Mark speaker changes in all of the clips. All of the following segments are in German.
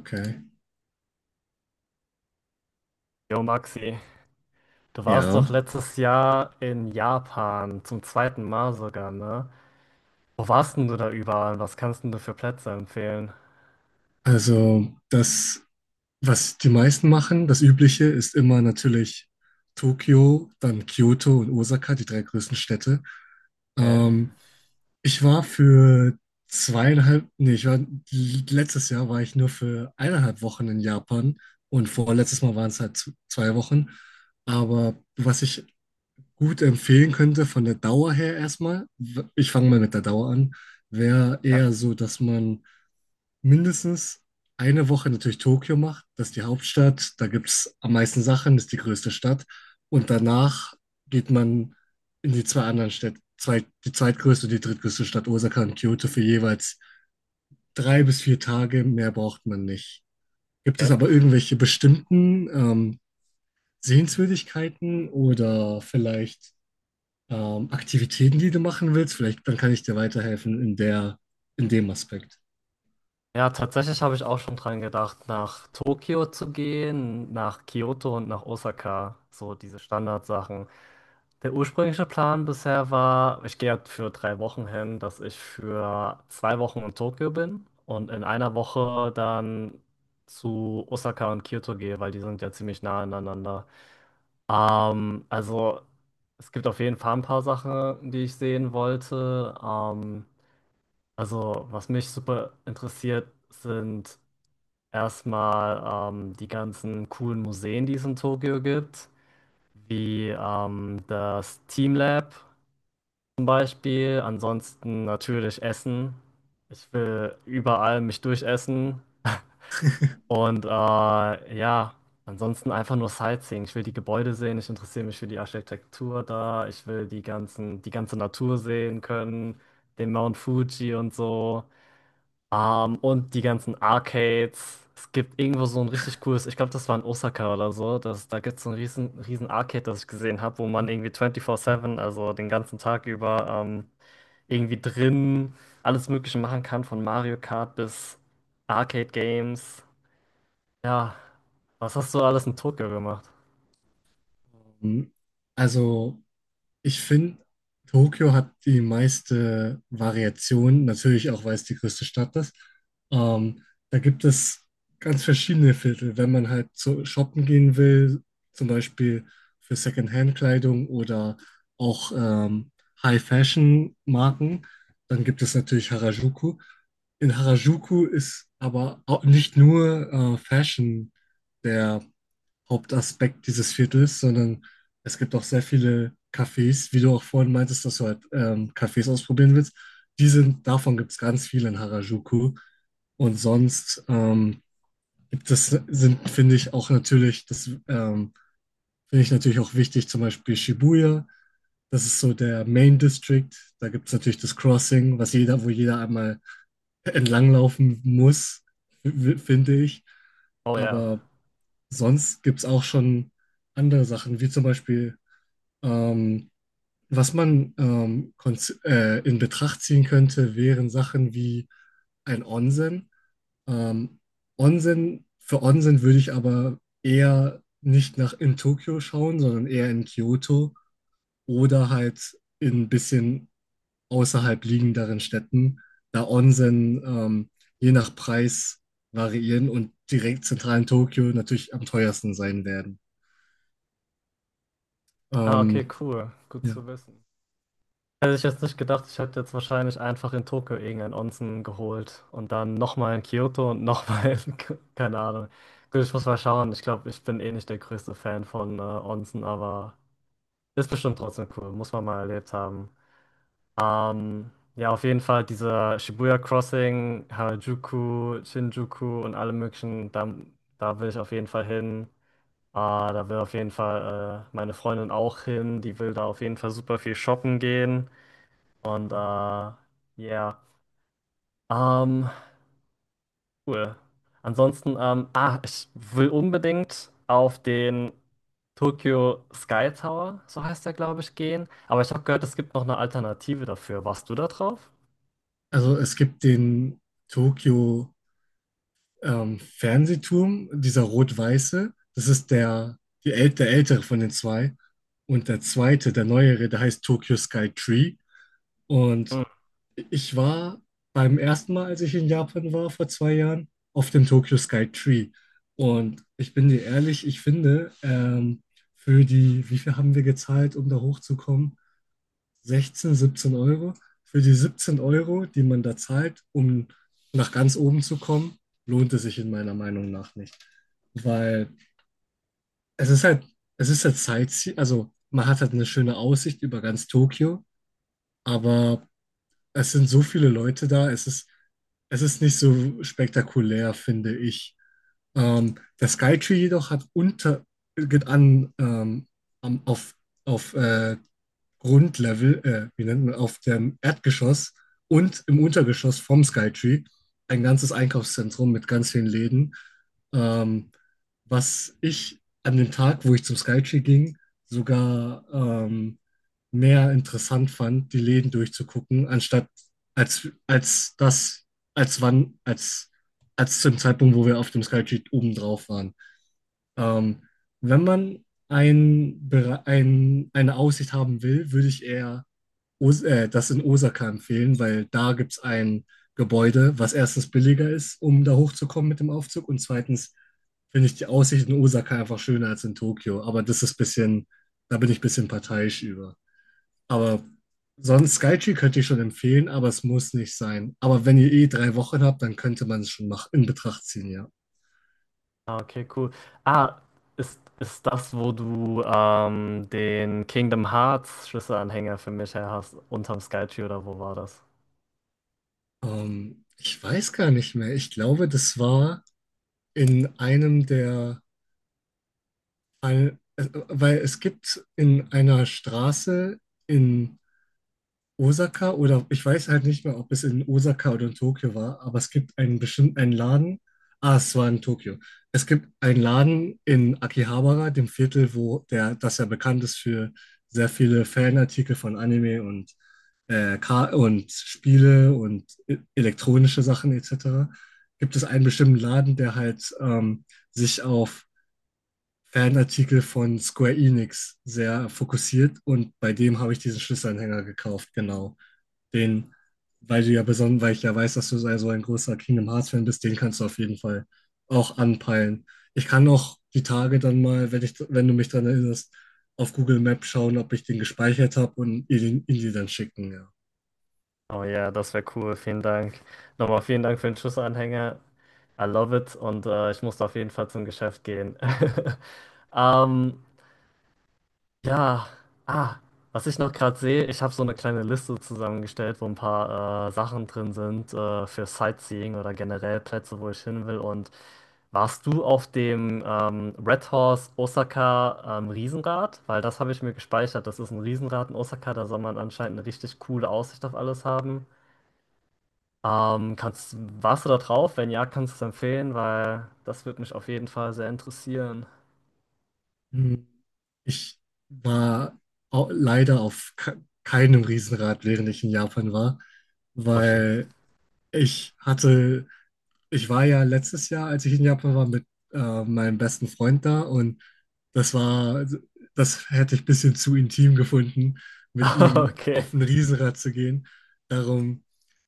Speaker 1: Okay.
Speaker 2: Jo, Maxi, du warst
Speaker 1: Ja.
Speaker 2: doch letztes Jahr in Japan, zum zweiten Mal sogar, ne? Wo warst denn du da überall? Was kannst denn du für Plätze empfehlen?
Speaker 1: Also das, was die meisten machen, das Übliche ist immer natürlich Tokio, dann Kyoto und Osaka, die drei größten Städte.
Speaker 2: Okay.
Speaker 1: Ähm, Ich war für zweieinhalb, nee, ich war, letztes Jahr war ich nur für 1,5 Wochen in Japan und vorletztes Mal waren es halt 2 Wochen. Aber was ich gut empfehlen könnte von der Dauer her erstmal, ich fange mal mit der Dauer an, wäre
Speaker 2: Ja,
Speaker 1: eher so, dass man mindestens eine Woche natürlich Tokio macht. Das ist die Hauptstadt, da gibt es am meisten Sachen, das ist die größte Stadt. Und danach geht man in die zwei anderen Städte, zwei, die zweitgrößte und die drittgrößte Stadt Osaka und Kyoto für jeweils 3 bis 4 Tage. Mehr braucht man nicht. Gibt es
Speaker 2: okay.
Speaker 1: aber irgendwelche bestimmten Sehenswürdigkeiten oder vielleicht Aktivitäten, die du machen willst? Vielleicht dann kann ich dir weiterhelfen in der, in dem Aspekt.
Speaker 2: Ja, tatsächlich habe ich auch schon dran gedacht, nach Tokio zu gehen, nach Kyoto und nach Osaka. So diese Standardsachen. Der ursprüngliche Plan bisher war, ich gehe jetzt für 3 Wochen hin, dass ich für 2 Wochen in Tokio bin und in 1 Woche dann zu Osaka und Kyoto gehe, weil die sind ja ziemlich nah aneinander. Also es gibt auf jeden Fall ein paar Sachen, die ich sehen wollte. Also was mich super interessiert, sind erstmal die ganzen coolen Museen, die es in Tokio gibt, wie das Team Lab zum Beispiel. Ansonsten natürlich Essen. Ich will überall mich durchessen. Und ja, ansonsten einfach nur Sightseeing. Ich will die Gebäude sehen, ich interessiere mich für die Architektur da, ich will die ganze Natur sehen können, den Mount Fuji und so. Und die ganzen Arcades. Es gibt irgendwo so ein richtig cooles, ich glaube, das war in Osaka oder so. Das, da gibt es so ein riesen, riesen Arcade, das ich gesehen habe, wo man irgendwie 24/7, also den ganzen Tag über irgendwie drin alles Mögliche machen kann, von Mario Kart bis Arcade Games. Ja, was hast du alles in Tokio gemacht?
Speaker 1: Ähm, Also ich finde, Tokio hat die meiste Variation, natürlich auch, weil es die größte Stadt ist. Ähm, Da gibt es ganz verschiedene Viertel. Wenn man halt zu shoppen gehen will, zum Beispiel für Secondhand-Kleidung oder auch High-Fashion-Marken, dann gibt es natürlich Harajuku. In Harajuku ist aber auch nicht nur Fashion der Hauptaspekt dieses Viertels, sondern es gibt auch sehr viele Cafés, wie du auch vorhin meintest, dass du halt Cafés ausprobieren willst. Die sind, davon gibt es ganz viele in Harajuku. Und sonst gibt es, sind, finde ich, auch natürlich, das finde ich natürlich auch wichtig, zum Beispiel Shibuya. Das ist so der Main District. Da gibt es natürlich das Crossing, was jeder, wo jeder einmal entlanglaufen muss, finde ich.
Speaker 2: Oh ja.
Speaker 1: Aber sonst gibt es auch schon andere Sachen, wie zum Beispiel ähm, was man in Betracht ziehen könnte, wären Sachen wie ein Onsen. Ähm, Onsen, für Onsen würde ich aber eher nicht nach in Tokio schauen, sondern eher in Kyoto oder halt in ein bisschen außerhalb liegenderen Städten, da Onsen je nach Preis variieren und direkt zentral in Tokio natürlich am teuersten sein werden.
Speaker 2: Ah, okay,
Speaker 1: Ähm,
Speaker 2: cool. Gut
Speaker 1: ja.
Speaker 2: zu wissen. Hätte ich jetzt nicht gedacht, ich hätte jetzt wahrscheinlich einfach in Tokio irgendein Onsen geholt und dann nochmal in Kyoto und nochmal in, keine Ahnung. Gut, ich muss mal schauen. Ich glaube, ich bin eh nicht der größte Fan von Onsen, aber ist bestimmt trotzdem cool. Muss man mal erlebt haben. Ähm, ja, auf jeden Fall dieser Shibuya Crossing, Harajuku, Shinjuku und alle möglichen, da, da will ich auf jeden Fall hin. Da will auf jeden Fall meine Freundin auch hin. Die will da auf jeden Fall super viel shoppen gehen. Und ja, ähm, cool. Ansonsten, ah, ich will unbedingt auf den Tokyo Sky Tower, so heißt der, glaube ich, gehen. Aber ich habe gehört, es gibt noch eine Alternative dafür. Warst du da drauf?
Speaker 1: Also es gibt den Tokio Fernsehturm, dieser rot-weiße, das ist der, die äl der ältere von den zwei. Und der zweite, der neuere, der heißt Tokyo Sky Tree. Und ich war beim ersten Mal, als ich in Japan war, vor 2 Jahren, auf dem Tokyo Sky Tree. Und ich bin dir ehrlich, ich finde, für die, wie viel haben wir gezahlt, um da hochzukommen? 16, 17 Euro. Für die 17 Euro, die man da zahlt, um nach ganz oben zu kommen, lohnt es sich in meiner Meinung nach nicht. Weil es ist halt, es ist halt Sightseeing, also man hat halt eine schöne Aussicht über ganz Tokio, aber es sind so viele Leute da, es ist nicht so spektakulär, finde ich. Der Skytree jedoch hat unter, geht an, am- auf, auf Grundlevel, wie nennt man, auf dem Erdgeschoss und im Untergeschoss vom Skytree ein ganzes Einkaufszentrum mit ganz vielen Läden. Ähm, Was ich an dem Tag, wo ich zum Skytree ging, sogar mehr interessant fand, die Läden durchzugucken, anstatt als, als das, als wann, als zum Zeitpunkt, wo wir auf dem Skytree oben drauf waren. Ähm, Wenn man eine Aussicht haben will, würde ich eher Os das in Osaka empfehlen, weil da gibt es ein Gebäude, was erstens billiger ist, um da hochzukommen mit dem Aufzug und zweitens finde ich die Aussicht in Osaka einfach schöner als in Tokio. Aber das ist ein bisschen, da bin ich ein bisschen parteiisch über. Aber sonst Skytree könnte ich schon empfehlen, aber es muss nicht sein. Aber wenn ihr eh 3 Wochen habt, dann könnte man es schon in Betracht ziehen, ja.
Speaker 2: Ah, okay, cool. Ah, ist das, wo du den Kingdom Hearts Schlüsselanhänger für mich her hast, unterm Skytree oder wo war das?
Speaker 1: Ich weiß gar nicht mehr. Ich glaube, das war in einem der, ein, weil es gibt in einer Straße in Osaka oder ich weiß halt nicht mehr, ob es in Osaka oder in Tokio war, aber es gibt einen bestimmten einen Laden. Ah, es war in Tokio. Es gibt einen Laden in Akihabara, dem Viertel, das ja bekannt ist für sehr viele Fanartikel von Anime und, und Spiele und elektronische Sachen etc. Gibt es einen bestimmten Laden, der halt sich auf Fanartikel von Square Enix sehr fokussiert und bei dem habe ich diesen Schlüsselanhänger gekauft, genau. Den, weil du ja besonders, weil ich ja weiß, dass du so also ein großer Kingdom Hearts-Fan bist, den kannst du auf jeden Fall auch anpeilen. Ich kann auch die Tage dann mal, wenn du mich daran erinnerst, auf Google Maps schauen, ob ich den gespeichert habe und ihr ihn dir dann schicken, ja.
Speaker 2: Oh ja, das wäre cool. Vielen Dank. Nochmal vielen Dank für den Schlüsselanhänger. I love it und ich muss auf jeden Fall zum Geschäft gehen. Ähm, ja, ah, was ich noch gerade sehe, ich habe so eine kleine Liste zusammengestellt, wo ein paar Sachen drin sind für Sightseeing oder generell Plätze, wo ich hin will. Und warst du auf dem Red Horse Osaka Riesenrad? Weil das habe ich mir gespeichert. Das ist ein Riesenrad in Osaka, da soll man anscheinend eine richtig coole Aussicht auf alles haben. Ähm, kannst, Warst du da drauf? Wenn ja, kannst du es empfehlen, weil das würde mich auf jeden Fall sehr interessieren.
Speaker 1: Hm. Ich war leider auf keinem Riesenrad, während ich in Japan war,
Speaker 2: Oh shit.
Speaker 1: weil ich hatte. Ich war ja letztes Jahr, als ich in Japan war, mit meinem besten Freund da und das war, also, das hätte ich ein bisschen zu intim gefunden, mit ihm
Speaker 2: Okay.
Speaker 1: auf ein Riesenrad zu gehen. Darum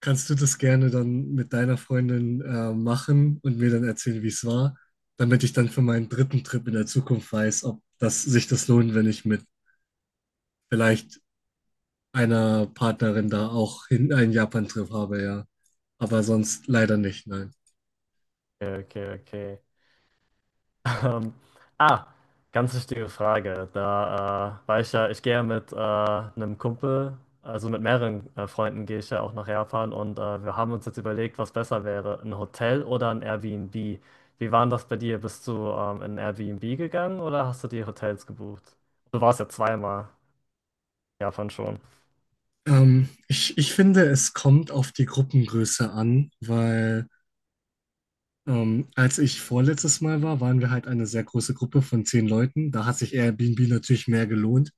Speaker 1: kannst du das gerne dann mit deiner Freundin machen und mir dann erzählen, wie es war, damit ich dann für meinen dritten Trip in der Zukunft weiß, ob das sich das lohnt, wenn ich mit vielleicht einer Partnerin da auch hin einen Japan-Trip habe, ja. Aber sonst leider nicht, nein.
Speaker 2: Okay, okay. Ähm, ah, Ganz wichtige Frage. Da war ich ja, Ich gehe ja mit einem Kumpel, also mit mehreren Freunden gehe ich ja auch nach Japan und wir haben uns jetzt überlegt, was besser wäre, ein Hotel oder ein Airbnb. Wie war denn das bei dir? Bist du in ein Airbnb gegangen oder hast du dir Hotels gebucht? Du warst ja zweimal in Japan schon.
Speaker 1: Ich finde, es kommt auf die Gruppengröße an, weil als ich vorletztes Mal war, waren wir halt eine sehr große Gruppe von 10 Leuten. Da hat sich Airbnb natürlich mehr gelohnt.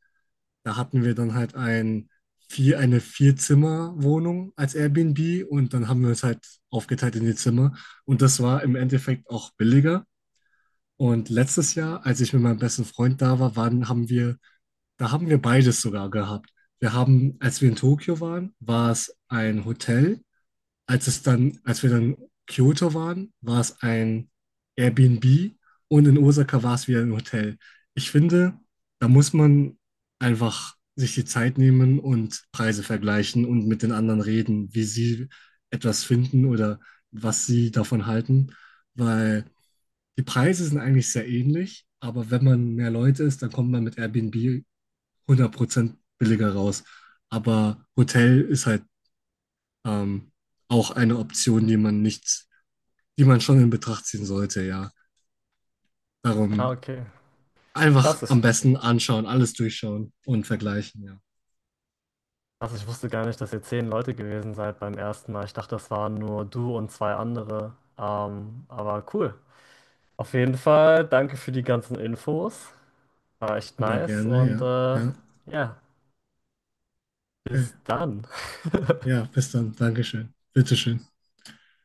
Speaker 1: Da hatten wir dann halt eine Vier-Zimmer-Wohnung als Airbnb und dann haben wir uns halt aufgeteilt in die Zimmer. Und das war im Endeffekt auch billiger. Und letztes Jahr, als ich mit meinem besten Freund da war, da haben wir beides sogar gehabt. Wir haben, als wir in Tokio waren, war es ein Hotel. Als wir dann in Kyoto waren, war es ein Airbnb und in Osaka war es wieder ein Hotel. Ich finde, da muss man einfach sich die Zeit nehmen und Preise vergleichen und mit den anderen reden, wie sie etwas finden oder was sie davon halten, weil die Preise sind eigentlich sehr ähnlich, aber wenn man mehr Leute ist, dann kommt man mit Airbnb 100% billiger raus. Aber Hotel ist halt ähm, auch eine Option, die man nicht, die man schon in Betracht ziehen sollte, ja.
Speaker 2: Ah,
Speaker 1: Darum
Speaker 2: okay. Krass.
Speaker 1: einfach
Speaker 2: ich-
Speaker 1: am besten anschauen, alles durchschauen und vergleichen, ja.
Speaker 2: Also ich wusste gar nicht, dass ihr 10 Leute gewesen seid beim ersten Mal. Ich dachte, das waren nur du und zwei andere. Aber cool. Auf jeden Fall, danke für die ganzen Infos. War echt
Speaker 1: Immer
Speaker 2: nice
Speaker 1: gerne,
Speaker 2: und
Speaker 1: ja. Ja,
Speaker 2: ja,
Speaker 1: okay.
Speaker 2: bis dann.
Speaker 1: Ja, bis dann. Dankeschön. Bitteschön.